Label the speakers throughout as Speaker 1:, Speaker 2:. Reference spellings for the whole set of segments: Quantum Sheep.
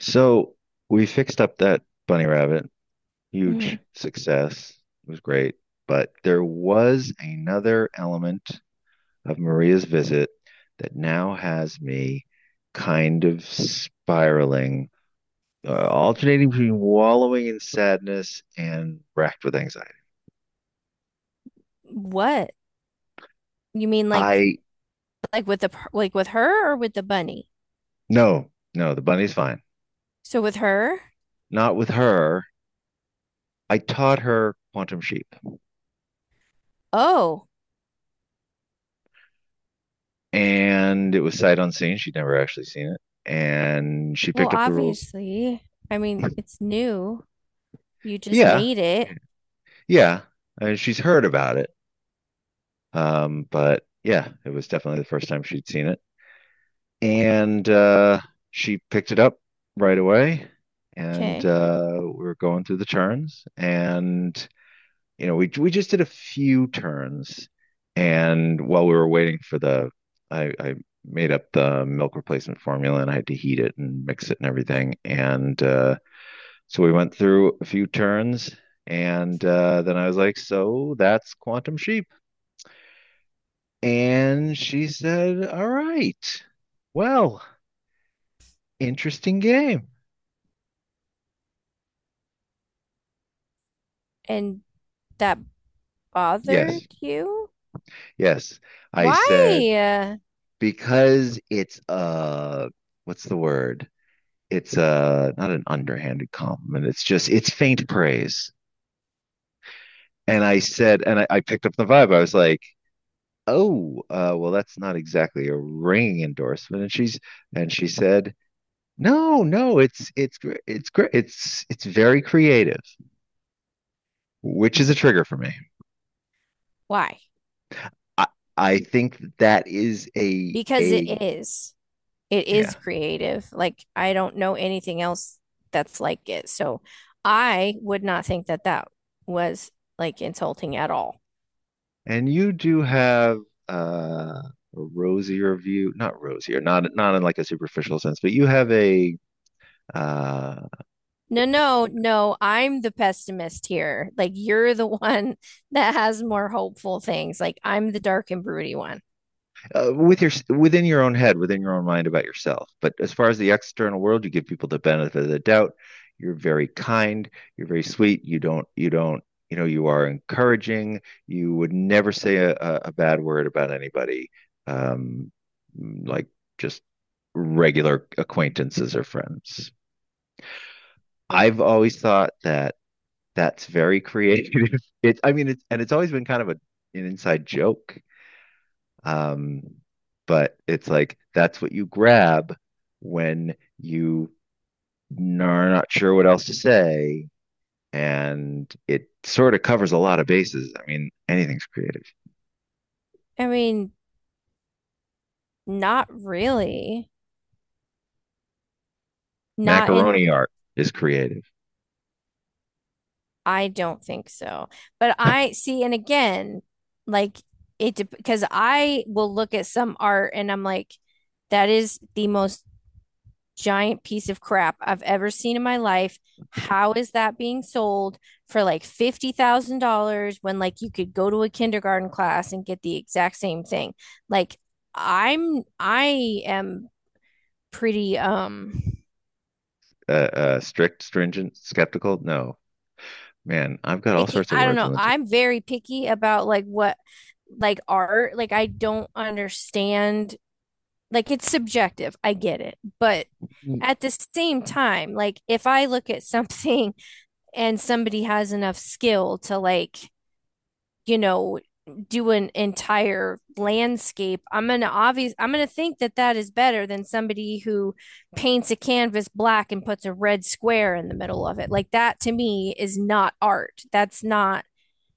Speaker 1: So we fixed up that bunny rabbit.
Speaker 2: Mhm.
Speaker 1: Huge success. It was great. But there was another element of Maria's visit that now has me kind of spiraling, alternating between wallowing in sadness and racked with anxiety.
Speaker 2: What? You mean like
Speaker 1: I,
Speaker 2: like like with her or with the bunny?
Speaker 1: no, no, the bunny's fine.
Speaker 2: So with her?
Speaker 1: Not with her. I taught her Quantum Sheep,
Speaker 2: Oh,
Speaker 1: and it was sight unseen. She'd never actually seen it. And she
Speaker 2: well,
Speaker 1: picked up the rules.
Speaker 2: obviously. I mean, it's new. You just
Speaker 1: Yeah,
Speaker 2: made it.
Speaker 1: yeah, yeah. I mean, she's heard about it. But yeah, it was definitely the first time she'd seen it. And she picked it up right away. And
Speaker 2: Okay.
Speaker 1: we were going through the turns. And, we, just did a few turns. And while we were waiting for the, I made up the milk replacement formula, and I had to heat it and mix it and everything. And So we went through a few turns, and then I was like, "So that's Quantum Sheep." And she said, "All right. Well, interesting game."
Speaker 2: And that bothered
Speaker 1: Yes,
Speaker 2: you?
Speaker 1: yes. I
Speaker 2: Why?
Speaker 1: said,
Speaker 2: Uh,
Speaker 1: because it's a, what's the word? It's a not an underhanded compliment. It's just, it's faint praise. And I said, and I picked up the vibe. I was like, "Oh, well, that's not exactly a ringing endorsement." And she said, no, no, it's great. It's very creative, which is a trigger for me.
Speaker 2: why?
Speaker 1: I I think that is a,
Speaker 2: Because it
Speaker 1: a.
Speaker 2: is. It
Speaker 1: Yeah.
Speaker 2: is creative. Like I don't know anything else that's like it. So I would not think that that was like insulting at all.
Speaker 1: And you do have a rosier view, not rosier, not not in like a superficial sense, but you have a, uh,
Speaker 2: No, no, no. I'm the pessimist here. Like you're the one that has more hopeful things. Like I'm the dark and broody one.
Speaker 1: within your own head, within your own mind about yourself. But as far as the external world, you give people the benefit of the doubt. You're very kind. You're very sweet. You don't. You don't. You know. You are encouraging. You would never say a bad word about anybody. Um, like just regular acquaintances or friends. I've always thought that that's very creative. It's. I mean, it's, and it's always been kind of a an inside joke, um, but it's like that's what you grab when you are not sure what else to say, and it sort of covers a lot of bases. I mean, anything's creative.
Speaker 2: I mean, not really. Not in,
Speaker 1: Macaroni art is creative.
Speaker 2: I don't think so. But I see, and again, like because I will look at some art and I'm like, that is the most giant piece of crap I've ever seen in my life. How is that being sold for like $50,000 when like you could go to a kindergarten class and get the exact same thing? Like I am pretty
Speaker 1: Strict, stringent, skeptical. No, man, I've got all
Speaker 2: picky.
Speaker 1: sorts of
Speaker 2: I don't
Speaker 1: words
Speaker 2: know.
Speaker 1: on the tip.
Speaker 2: I'm very picky about like what like art. Like I don't understand like it's subjective. I get it. But at the same time, like if I look at something and somebody has enough skill to like, you know, do an entire landscape, I'm gonna think that that is better than somebody who paints a canvas black and puts a red square in the middle of it. Like that to me is not art. That's not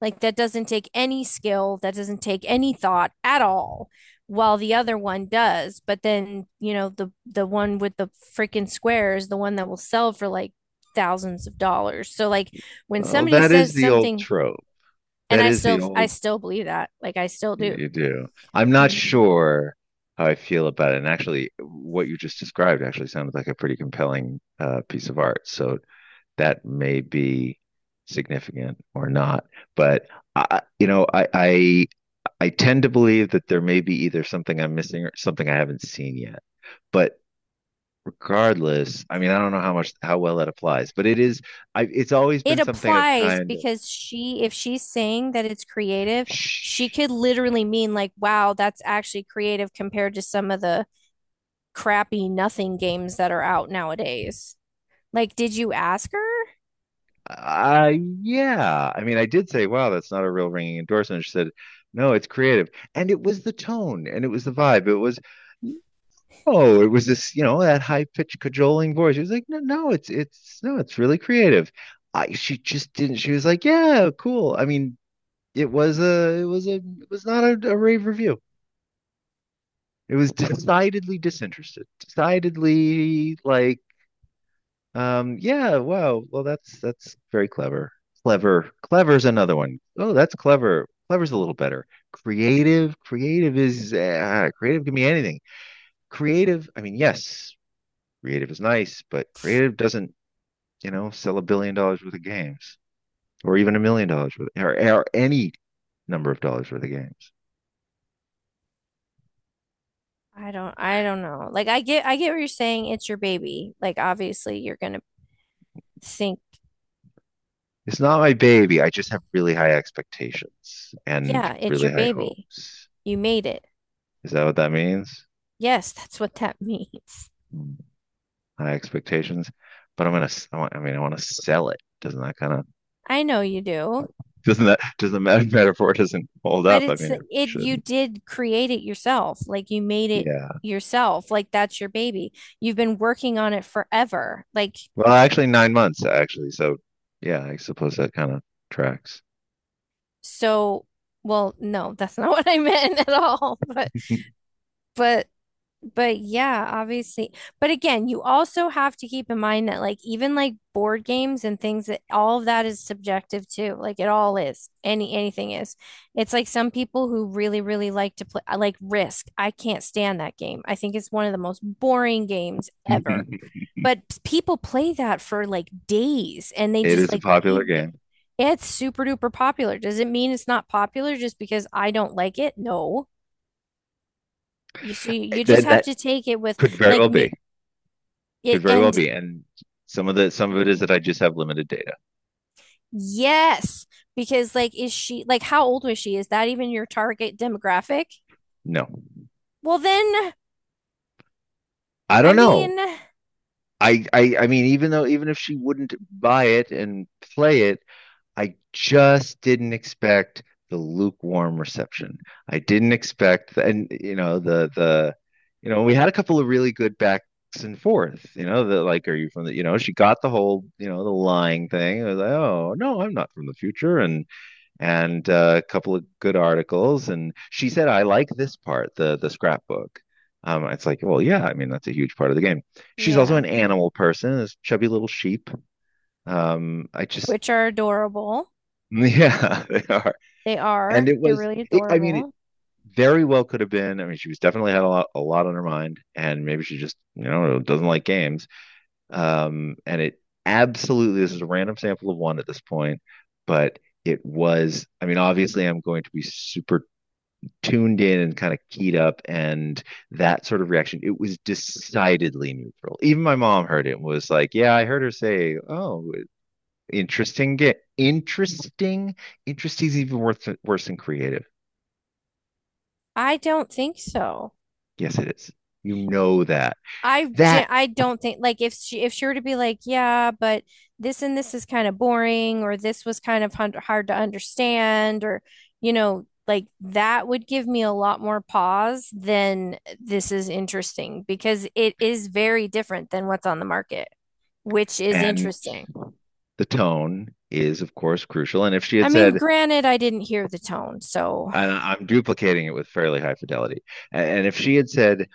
Speaker 2: like that doesn't take any skill, that doesn't take any thought at all, while the other one does. But then, the one with the freaking square is the one that will sell for like thousands of dollars. So like when
Speaker 1: Well,
Speaker 2: somebody
Speaker 1: that
Speaker 2: says
Speaker 1: is the old
Speaker 2: something
Speaker 1: trope.
Speaker 2: and
Speaker 1: That
Speaker 2: I
Speaker 1: is the
Speaker 2: still I
Speaker 1: old.
Speaker 2: still believe that. Like I still
Speaker 1: You,
Speaker 2: do.
Speaker 1: you do. I'm not
Speaker 2: Mhm.
Speaker 1: sure how I feel about it. And actually, what you just described actually sounded like a pretty compelling piece of art. So that may be significant or not. But I, you know, I, I I tend to believe that there may be either something I'm missing or something I haven't seen yet. But regardless, I mean, I don't know how much how well that applies, but it is. I it's always
Speaker 2: It
Speaker 1: been something I've
Speaker 2: applies
Speaker 1: kind
Speaker 2: because she if she's saying that it's creative,
Speaker 1: of.
Speaker 2: she could literally mean like wow, that's actually creative compared to some of the crappy nothing games that are out nowadays. Like, did you ask her?
Speaker 1: Uh, yeah. I mean, I did say, wow, that's not a real ringing endorsement. She said, no, it's creative. And it was the tone and it was the vibe. It was, no, it was this, you know, that high-pitched cajoling voice. She was like, no, no, no, it's really creative. She just didn't, she was like, yeah, cool. I mean, it was not a rave review. It was decidedly disinterested, decidedly like. Yeah, wow. Well, that's very clever. Clever. Clever's another one. Oh, that's clever. Clever's a little better. Creative. Creative is, creative can be anything. Creative, I mean, yes, creative is nice, but creative doesn't, you know, sell $1 billion worth of games, or even $1 million worth, or, any number of dollars worth of games.
Speaker 2: I don't know. Like I get what you're saying. It's your baby. Like obviously you're gonna think,
Speaker 1: It's not my baby. I just have really high expectations and
Speaker 2: yeah, it's your
Speaker 1: really high
Speaker 2: baby.
Speaker 1: hopes.
Speaker 2: You made it.
Speaker 1: Is that what that means?
Speaker 2: Yes, that's what that means.
Speaker 1: High expectations, but I'm gonna. S- I am going to I want, I mean, I want to sell it. Doesn't that kind of,
Speaker 2: I know you do.
Speaker 1: doesn't that doesn't that metaphor, doesn't hold
Speaker 2: But
Speaker 1: up? I
Speaker 2: it's
Speaker 1: mean, it
Speaker 2: it you
Speaker 1: shouldn't.
Speaker 2: did create it yourself. Like you made it
Speaker 1: Yeah.
Speaker 2: yourself. Like that's your baby. You've been working on it forever. Like
Speaker 1: Well, actually, 9 months actually. So, yeah, I suppose that kind of tracks.
Speaker 2: so well, no, that's not what I meant at all. But but But yeah, obviously. But again, you also have to keep in mind that like even like board games and things that all of that is subjective too. Like it all is. Anything is. It's like some people who really, really like to play I like Risk. I can't stand that game. I think it's one of the most boring games ever. But people play that for like days and they
Speaker 1: It
Speaker 2: just
Speaker 1: is a
Speaker 2: like
Speaker 1: popular
Speaker 2: leave the
Speaker 1: game.
Speaker 2: it's super duper popular. Does it mean it's not popular just because I don't like it? No. You see, you just
Speaker 1: Then
Speaker 2: have to
Speaker 1: that
Speaker 2: take it with
Speaker 1: could very well
Speaker 2: like
Speaker 1: be.
Speaker 2: me.
Speaker 1: Could
Speaker 2: It,
Speaker 1: very well
Speaker 2: and
Speaker 1: be. And some of it is that I just have limited data.
Speaker 2: yes, because like, is she like, how old was she? Is that even your target demographic?
Speaker 1: No.
Speaker 2: Well, then,
Speaker 1: I
Speaker 2: I
Speaker 1: don't know.
Speaker 2: mean,
Speaker 1: I mean, even though, even if she wouldn't buy it and play it, I just didn't expect the lukewarm reception. I didn't expect, and you know, you know, we had a couple of really good backs and forth. You know, the, like, are you from the? You know, she got the whole, you know, the lying thing. I was like, oh no, I'm not from the future, and a couple of good articles, and she said, I like this part, the scrapbook. It's like, well, yeah, I mean, that's a huge part of the game. She's also
Speaker 2: yeah,
Speaker 1: an animal person, this chubby little sheep. I just,
Speaker 2: which are adorable.
Speaker 1: yeah, they are.
Speaker 2: They
Speaker 1: And
Speaker 2: are.
Speaker 1: it
Speaker 2: They're
Speaker 1: was,
Speaker 2: really
Speaker 1: I mean, it
Speaker 2: adorable.
Speaker 1: very well could have been. I mean, she was definitely had a lot on her mind, and maybe she just, doesn't like games. And it absolutely, this is a random sample of one at this point. But it was, I mean, obviously I'm going to be super tuned in and kind of keyed up, and that sort of reaction, it was decidedly neutral. Even my mom heard it and was like, yeah, I heard her say, oh, interesting, interesting. Interesting is even worse than creative.
Speaker 2: I don't think so.
Speaker 1: Yes, it is. You know that.
Speaker 2: I
Speaker 1: That
Speaker 2: I don't think like if she were to be like, yeah, but this and this is kind of boring, or this was kind of hard to understand, or like that would give me a lot more pause than this is interesting because it is very different than what's on the market, which is
Speaker 1: and
Speaker 2: interesting.
Speaker 1: the tone is, of course, crucial. And if she
Speaker 2: I
Speaker 1: had
Speaker 2: mean,
Speaker 1: said,
Speaker 2: granted, I didn't hear the tone, so
Speaker 1: and I'm duplicating it with fairly high fidelity, and if she had said,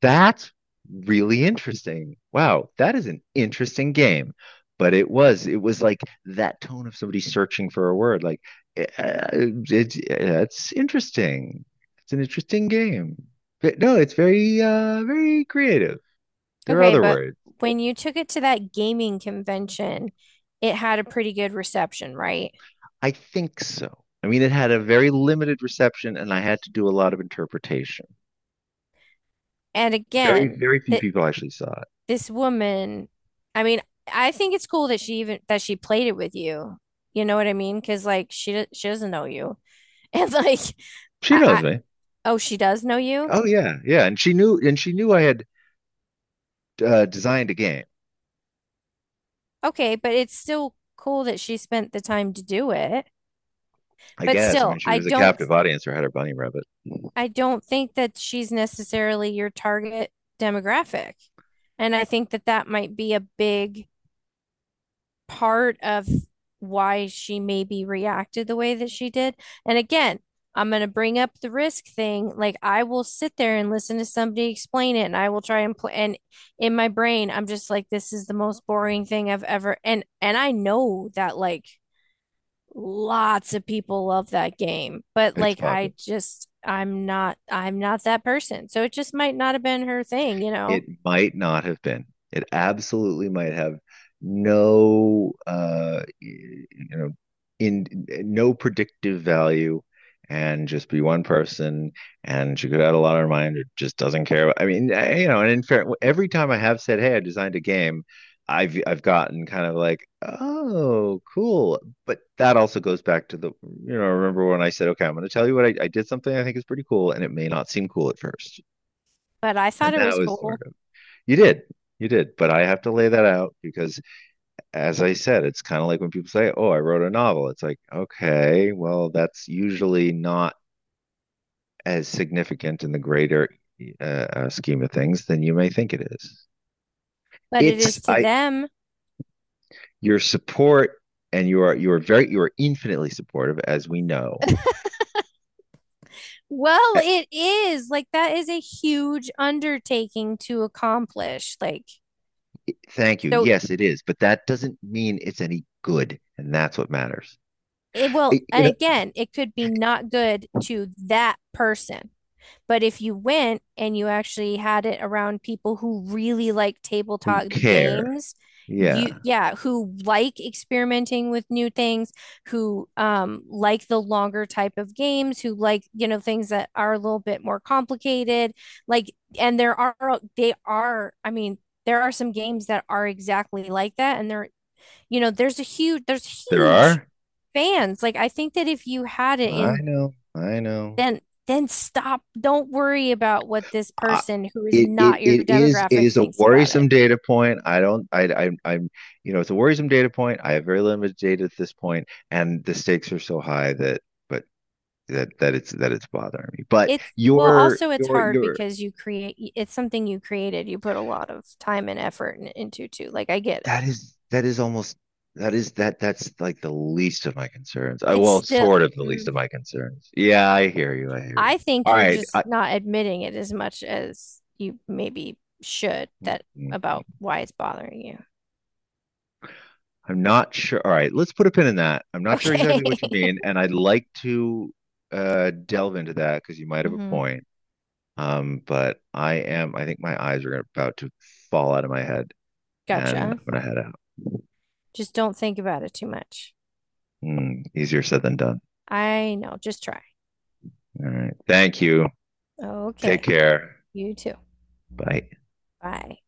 Speaker 1: that's really interesting. Wow, that is an interesting game. But it was like that tone of somebody searching for a word. Like, "Eh, it's interesting. It's an interesting game. But no, it's very, very creative. There are
Speaker 2: okay,
Speaker 1: other
Speaker 2: but
Speaker 1: words.
Speaker 2: when you took it to that gaming convention, it had a pretty good reception, right?
Speaker 1: I think so. I mean, it had a very limited reception, and I had to do a lot of interpretation.
Speaker 2: And
Speaker 1: Very,
Speaker 2: again,
Speaker 1: very few
Speaker 2: that
Speaker 1: people actually saw it.
Speaker 2: this woman, I mean, I think it's cool that she even that she played it with you. You know what I mean? Because like she doesn't know you, and like
Speaker 1: She knows
Speaker 2: I
Speaker 1: me.
Speaker 2: oh she does know you.
Speaker 1: Oh yeah, yeah, and she knew, I had designed a game.
Speaker 2: Okay, but it's still cool that she spent the time to do it.
Speaker 1: I
Speaker 2: But
Speaker 1: guess. I mean,
Speaker 2: still,
Speaker 1: she
Speaker 2: I
Speaker 1: was a
Speaker 2: don't
Speaker 1: captive audience, or had her bunny rabbit.
Speaker 2: I don't think that she's necessarily your target demographic, and I think that that might be a big part of why she maybe reacted the way that she did. And again, I'm going to bring up the Risk thing. Like I will sit there and listen to somebody explain it and I will try and play and in my brain I'm just like this is the most boring thing I've ever and I know that like lots of people love that game, but
Speaker 1: It's
Speaker 2: like I
Speaker 1: popular.
Speaker 2: just I'm not I'm not that person. So it just might not have been her thing, you know.
Speaker 1: It might not have been. It absolutely might have no, you know in no predictive value, and just be one person, and she could have had a lot on her mind, or just doesn't care. I mean, and in fair, every time I have said, "Hey, I designed a game," I've gotten kind of like, "Oh, cool." But that also goes back to the, you know, remember when I said, "Okay, I'm going to tell you what I did something I think is pretty cool," and it may not seem cool at first.
Speaker 2: But I thought
Speaker 1: And
Speaker 2: it
Speaker 1: that
Speaker 2: was
Speaker 1: was
Speaker 2: cool.
Speaker 1: sort of. You did. You did. But I have to lay that out because, as I said, it's kind of like when people say, oh, I wrote a novel. It's like, okay, well, that's usually not as significant in the greater, scheme of things than you may think it is.
Speaker 2: But it is
Speaker 1: It's.
Speaker 2: to
Speaker 1: I
Speaker 2: them.
Speaker 1: your support. And you are infinitely supportive, as we know.
Speaker 2: Well,
Speaker 1: Uh,
Speaker 2: it is like that is a huge undertaking to accomplish. Like,
Speaker 1: Thank you.
Speaker 2: so
Speaker 1: Yes, it is, but that doesn't mean it's any good, and that's what matters. Eh, you
Speaker 2: and
Speaker 1: know,
Speaker 2: again, it could be not good to that person. But if you went and you actually had it around people who really like
Speaker 1: who
Speaker 2: tabletop
Speaker 1: care?
Speaker 2: games,
Speaker 1: Yeah,
Speaker 2: yeah, who like experimenting with new things, who like the longer type of games, who like, things that are a little bit more complicated. Like, and there are, they are, I mean, there are some games that are exactly like that. And there, there's
Speaker 1: there
Speaker 2: huge
Speaker 1: are.
Speaker 2: fans. Like, I think that if you had it
Speaker 1: I
Speaker 2: in
Speaker 1: know. I know.
Speaker 2: then then stop. Don't worry about what this
Speaker 1: I,
Speaker 2: person who is
Speaker 1: it
Speaker 2: not your
Speaker 1: it
Speaker 2: demographic
Speaker 1: is a
Speaker 2: thinks about it.
Speaker 1: worrisome data point. I don't I I'm it's a worrisome data point. I have very limited data at this point, and the stakes are so high that, but that that it's bothering me. But
Speaker 2: It's well, also it's hard
Speaker 1: your
Speaker 2: because you create it's something you created. You put a lot of time and effort into too. Like I get it.
Speaker 1: that is, almost, that is, that's like the least of my concerns. I,
Speaker 2: It's
Speaker 1: well,
Speaker 2: still
Speaker 1: sort of the least of
Speaker 2: Mm.
Speaker 1: my concerns. Yeah, I hear you. I hear you.
Speaker 2: I think
Speaker 1: All
Speaker 2: you're
Speaker 1: right.
Speaker 2: just not admitting it as much as you maybe should
Speaker 1: Mm,
Speaker 2: that
Speaker 1: mm,
Speaker 2: about
Speaker 1: mm.
Speaker 2: why it's bothering you.
Speaker 1: I'm not sure. All right, let's put a pin in that. I'm not sure
Speaker 2: Okay.
Speaker 1: exactly what you mean, and I'd like to delve into that because you might have a
Speaker 2: Hmm.
Speaker 1: point. But I am. I think my eyes are about to fall out of my head, and
Speaker 2: Gotcha.
Speaker 1: I'm gonna head out.
Speaker 2: Just don't think about it too much.
Speaker 1: Hmm, easier said than done.
Speaker 2: I know. Just try.
Speaker 1: All right. Thank you. Take
Speaker 2: Okay.
Speaker 1: care.
Speaker 2: You too.
Speaker 1: Bye.
Speaker 2: Bye.